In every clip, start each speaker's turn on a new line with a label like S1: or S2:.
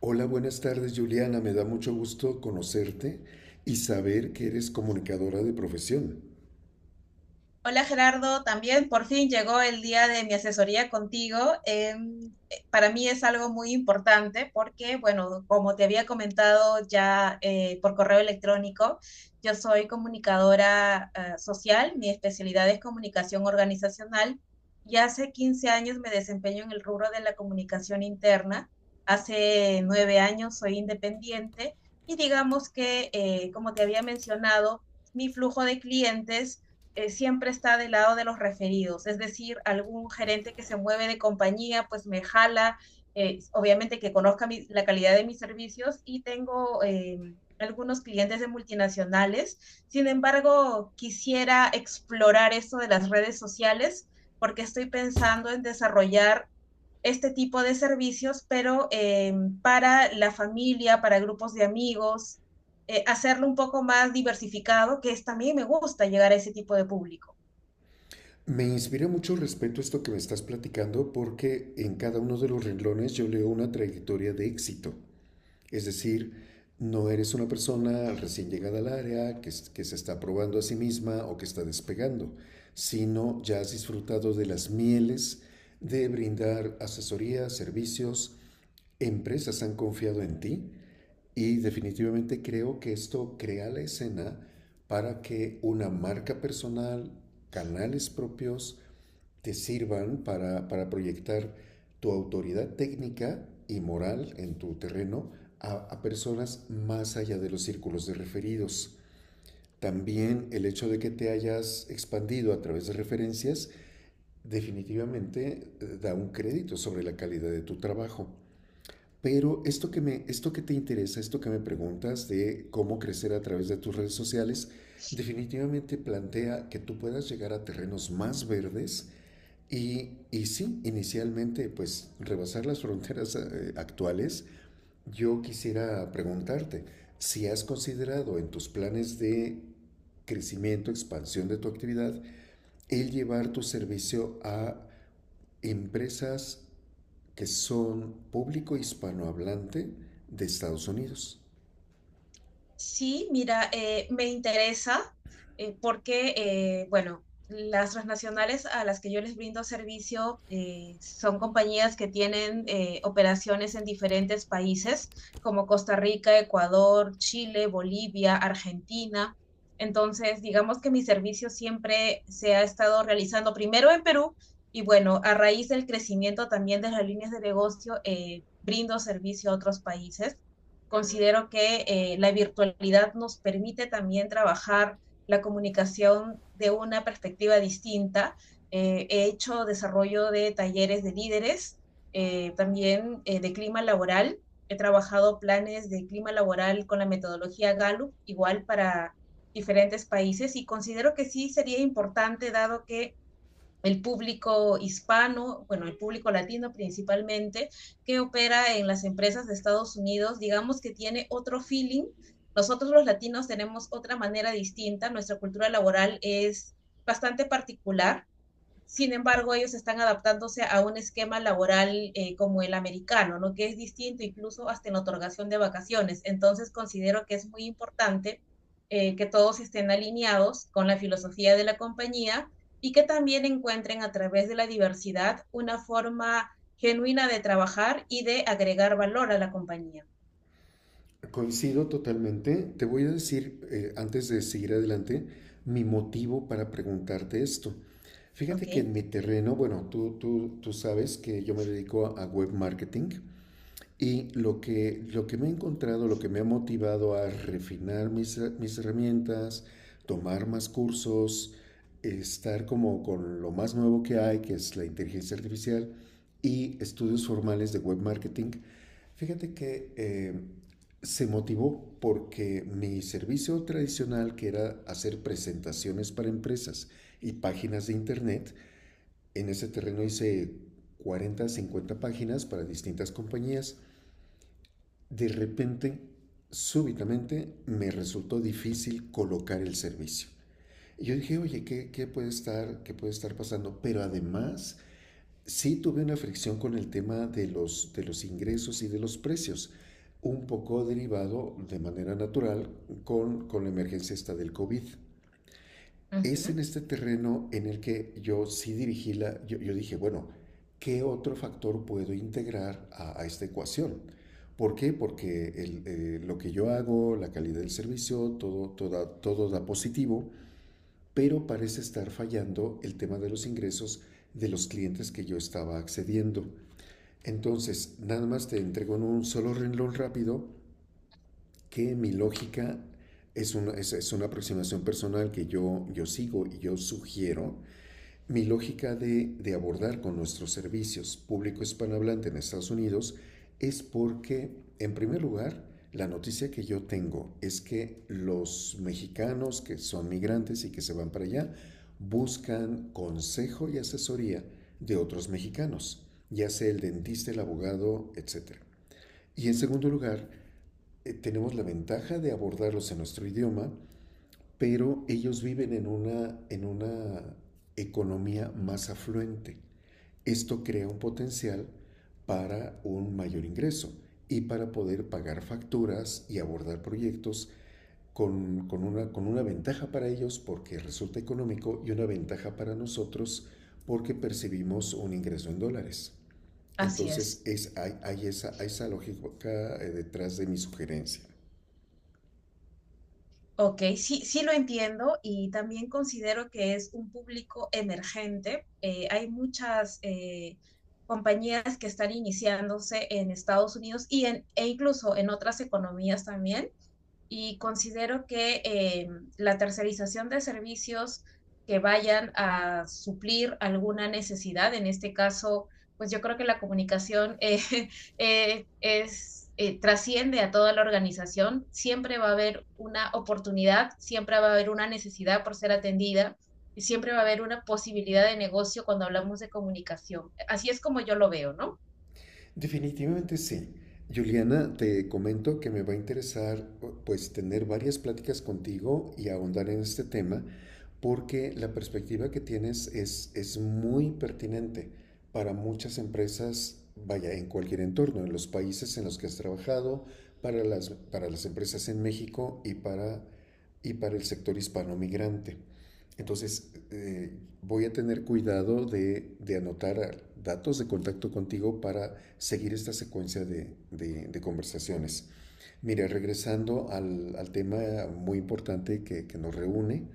S1: Hola, buenas tardes Juliana, me da mucho gusto conocerte y saber que eres comunicadora de profesión.
S2: Hola Gerardo, también por fin llegó el día de mi asesoría contigo. Eh, para mí es algo muy importante porque, bueno, como te había comentado ya por correo electrónico, yo soy comunicadora social, mi especialidad es comunicación organizacional y hace 15 años me desempeño en el rubro de la comunicación interna. Hace 9 años soy independiente y digamos que, como te había mencionado, mi flujo de clientes siempre está del lado de los referidos, es decir, algún gerente que se mueve de compañía, pues me jala, obviamente que conozca la calidad de mis servicios y tengo algunos clientes de multinacionales. Sin embargo, quisiera explorar esto de las redes sociales porque estoy pensando en desarrollar este tipo de servicios, pero para la familia, para grupos de amigos, hacerlo un poco más diversificado, que es también me gusta llegar a ese tipo de público.
S1: Me inspira mucho respeto esto que me estás platicando porque en cada uno de los renglones yo leo una trayectoria de éxito. Es decir, no eres una persona recién llegada al área que se está probando a sí misma o que está despegando, sino ya has disfrutado de las mieles de brindar asesoría, servicios, empresas han confiado en ti. Y definitivamente creo que esto crea la escena para que una marca personal, canales propios, te sirvan para proyectar tu autoridad técnica y moral en tu terreno a personas más allá de los círculos de referidos. También el hecho de que te hayas expandido a través de referencias definitivamente da un crédito sobre la calidad de tu trabajo. Pero esto que te interesa, esto que me preguntas de cómo crecer a través de tus redes sociales, definitivamente plantea que tú puedas llegar a terrenos más verdes y, sí, inicialmente, pues rebasar las fronteras actuales. Yo quisiera preguntarte si has considerado en tus planes de crecimiento, expansión de tu actividad, el llevar tu servicio a empresas que son público hispanohablante de Estados Unidos.
S2: Sí, mira, me interesa porque, bueno, las transnacionales a las que yo les brindo servicio son compañías que tienen operaciones en diferentes países, como Costa Rica, Ecuador, Chile, Bolivia, Argentina. Entonces, digamos que mi servicio siempre se ha estado realizando primero en Perú y bueno, a raíz del crecimiento también de las líneas de negocio, brindo servicio a otros países. Considero que la virtualidad nos permite también trabajar la comunicación de una perspectiva distinta. He hecho desarrollo de talleres de líderes, también de clima laboral. He trabajado planes de clima laboral con la metodología Gallup, igual para diferentes países, y considero que sí sería importante, dado que el público hispano, bueno, el público latino principalmente, que opera en las empresas de Estados Unidos, digamos que tiene otro feeling. Nosotros los latinos tenemos otra manera distinta, nuestra cultura laboral es bastante particular, sin embargo, ellos están adaptándose a un esquema laboral como el americano, ¿no? Que es distinto incluso hasta en la otorgación de vacaciones. Entonces, considero que es muy importante que todos estén alineados con la filosofía de la compañía y que también encuentren a través de la diversidad una forma genuina de trabajar y de agregar valor a la compañía.
S1: Coincido totalmente. Te voy a decir, antes de seguir adelante, mi motivo para preguntarte esto. Fíjate que en
S2: ¿Ok?
S1: mi terreno, bueno, tú sabes que yo me dedico a web marketing. Y lo que me he encontrado, lo que me ha motivado a refinar mis herramientas, tomar más cursos, estar como con lo más nuevo que hay, que es la inteligencia artificial y estudios formales de web marketing, fíjate que se motivó porque mi servicio tradicional, que era hacer presentaciones para empresas y páginas de internet, en ese terreno hice 40 50 páginas para distintas compañías. De repente, súbitamente, me resultó difícil colocar el servicio. Y yo dije, oye, ¿qué puede estar pasando? Pero además, sí tuve una fricción con el tema de los ingresos y de los precios, un poco derivado de manera natural con la emergencia esta del COVID.
S2: Uh
S1: Es en
S2: -huh.
S1: este terreno en el que yo sí dirigí yo dije, bueno, ¿qué otro factor puedo integrar a esta ecuación? ¿Por qué? Porque lo que yo hago, la calidad del servicio, todo, todo, todo da positivo, pero parece estar fallando el tema de los ingresos de los clientes que yo estaba accediendo. Entonces, nada más te entrego en un solo renglón rápido que mi lógica es una aproximación personal que yo sigo y yo sugiero. Mi lógica de abordar con nuestros servicios público hispanohablante en Estados Unidos es porque, en primer lugar, la noticia que yo tengo es que los mexicanos que son migrantes y que se van para allá buscan consejo y asesoría de otros mexicanos, ya sea el dentista, el abogado, etcétera. Y en segundo lugar, tenemos la ventaja de abordarlos en nuestro idioma, pero ellos viven en una economía más afluente. Esto crea un potencial para un mayor ingreso y para poder pagar facturas y abordar proyectos con una ventaja para ellos porque resulta económico, y una ventaja para nosotros porque percibimos un ingreso en dólares.
S2: Así
S1: Entonces
S2: es.
S1: es, hay esa lógica detrás de mi sugerencia.
S2: Ok, sí, sí lo entiendo y también considero que es un público emergente. Hay muchas compañías que están iniciándose en Estados Unidos y e incluso en otras economías también y considero que la tercerización de servicios que vayan a suplir alguna necesidad, en este caso, pues yo creo que la comunicación trasciende a toda la organización, siempre va a haber una oportunidad, siempre va a haber una necesidad por ser atendida y siempre va a haber una posibilidad de negocio cuando hablamos de comunicación. Así es como yo lo veo, ¿no?
S1: Definitivamente sí. Juliana, te comento que me va a interesar pues tener varias pláticas contigo y ahondar en este tema porque la perspectiva que tienes es muy pertinente para muchas empresas, vaya, en cualquier entorno, en los países en los que has trabajado, para las empresas en México y para el sector hispano migrante. Entonces, voy a tener cuidado de, anotar datos de contacto contigo para seguir esta secuencia de conversaciones. Mira, regresando al tema muy importante nos reúne,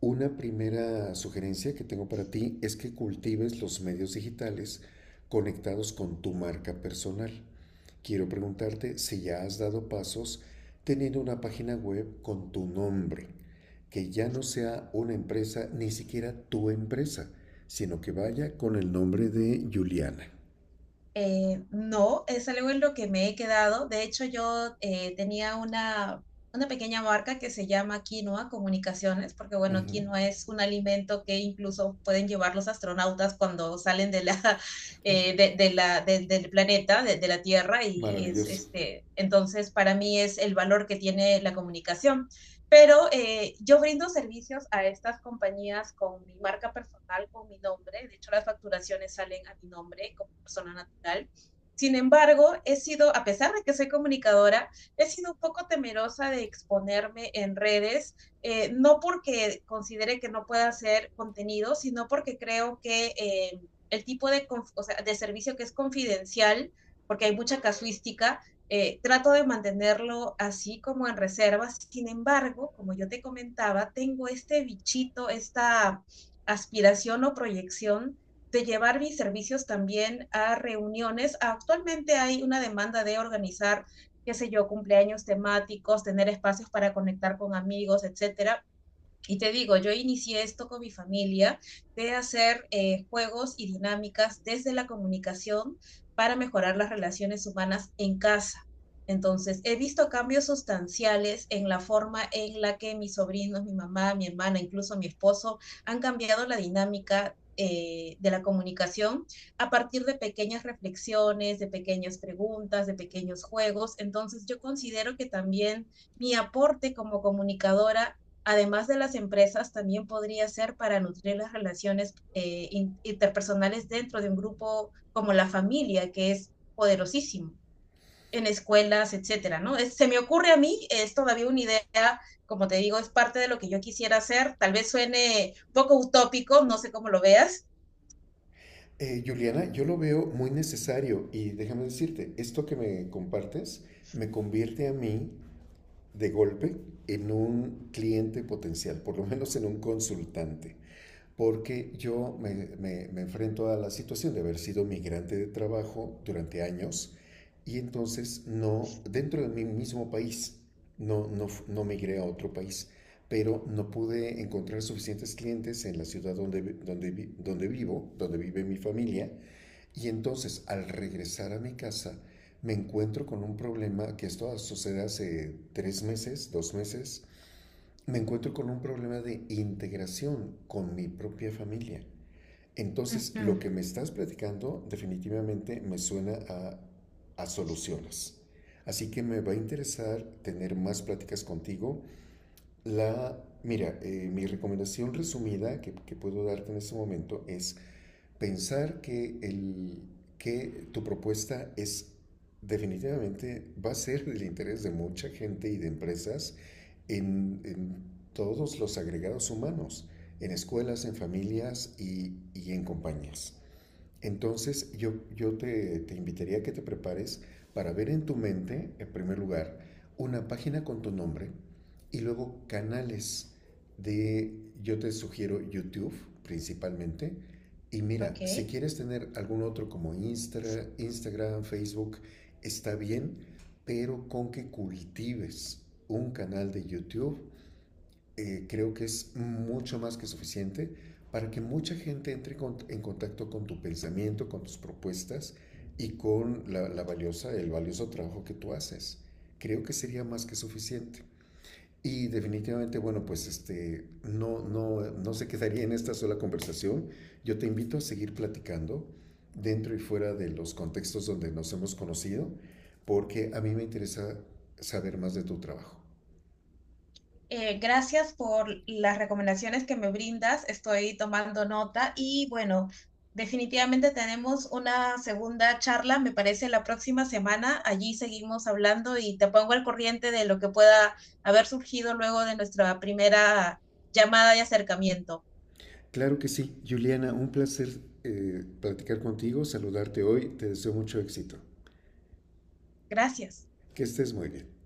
S1: una primera sugerencia que tengo para ti es que cultives los medios digitales conectados con tu marca personal. Quiero preguntarte si ya has dado pasos teniendo una página web con tu nombre, que ya no sea una empresa, ni siquiera tu empresa, sino que vaya con el nombre de Juliana.
S2: No, es algo en lo que me he quedado. De hecho, yo tenía una pequeña marca que se llama Quinoa Comunicaciones, porque bueno,
S1: Ujú.
S2: quinoa es un alimento que incluso pueden llevar los astronautas cuando salen
S1: Oh,
S2: del planeta, de la Tierra, y es
S1: maravilloso.
S2: este, entonces para mí es el valor que tiene la comunicación. Pero yo brindo servicios a estas compañías con mi marca personal, con mi nombre. De hecho, las facturaciones salen a mi nombre como persona natural. Sin embargo, he sido, a pesar de que soy comunicadora, he sido un poco temerosa de exponerme en redes, no porque considere que no pueda hacer contenido, sino porque creo que el tipo de, o sea, de servicio que es confidencial, porque hay mucha casuística, trato de mantenerlo así como en reserva. Sin embargo, como yo te comentaba, tengo este bichito, esta aspiración o proyección de llevar mis servicios también a reuniones. Actualmente hay una demanda de organizar, qué sé yo, cumpleaños temáticos, tener espacios para conectar con amigos, etcétera. Y te digo, yo inicié esto con mi familia de hacer juegos y dinámicas desde la comunicación para mejorar las relaciones humanas en casa. Entonces, he visto cambios sustanciales en la forma en la que mis sobrinos, mi mamá, mi hermana, incluso mi esposo han cambiado la dinámica de la comunicación a partir de pequeñas reflexiones, de pequeñas preguntas, de pequeños juegos. Entonces, yo considero que también mi aporte como comunicadora, además de las empresas, también podría ser para nutrir las relaciones interpersonales dentro de un grupo como la familia, que es poderosísimo en escuelas, etcétera, ¿no? Es, se me ocurre a mí, es todavía una idea, como te digo, es parte de lo que yo quisiera hacer, tal vez suene un poco utópico, no sé cómo lo veas.
S1: Juliana, yo lo veo muy necesario y déjame decirte, esto que me compartes me convierte a mí de golpe en un cliente potencial, por lo menos en un consultante. Porque yo me enfrento a la situación de haber sido migrante de trabajo durante años y entonces no, dentro de mi mismo país, no, no, no migré a otro país, pero no pude encontrar suficientes clientes en la ciudad donde vivo, donde vive mi familia, y entonces al regresar a mi casa, me encuentro con un problema, que esto sucede hace 3 meses, 2 meses, me encuentro con un problema de integración con mi propia familia.
S2: Uh
S1: Entonces, lo
S2: -huh.
S1: que me estás platicando definitivamente me suena a soluciones. Así que me va a interesar tener más pláticas contigo. Mira, mi recomendación resumida que puedo darte en este momento es pensar que tu propuesta es, definitivamente va a ser del interés de mucha gente y de empresas en todos los agregados humanos, en escuelas, en familias y en compañías. Entonces yo te invitaría a que te prepares para ver en tu mente, en primer lugar, una página con tu nombre y luego canales de, yo te sugiero YouTube principalmente. Y mira, si
S2: Ok.
S1: quieres tener algún otro como Instagram, Facebook, está bien, pero con que cultives un canal de YouTube creo que es mucho más que suficiente para que mucha gente entre en contacto con tu pensamiento, con tus propuestas y con el valioso trabajo que tú haces. Creo que sería más que suficiente. Y definitivamente, bueno, pues este, no, no, no se quedaría en esta sola conversación. Yo te invito a seguir platicando dentro y fuera de los contextos donde nos hemos conocido, porque a mí me interesa saber más de tu trabajo.
S2: Gracias por las recomendaciones que me brindas. Estoy tomando nota y bueno, definitivamente tenemos una segunda charla, me parece, la próxima semana. Allí seguimos hablando y te pongo al corriente de lo que pueda haber surgido luego de nuestra primera llamada y acercamiento.
S1: Claro que sí, Juliana, un placer platicar contigo, saludarte hoy, te deseo mucho éxito.
S2: Gracias.
S1: Que estés muy bien.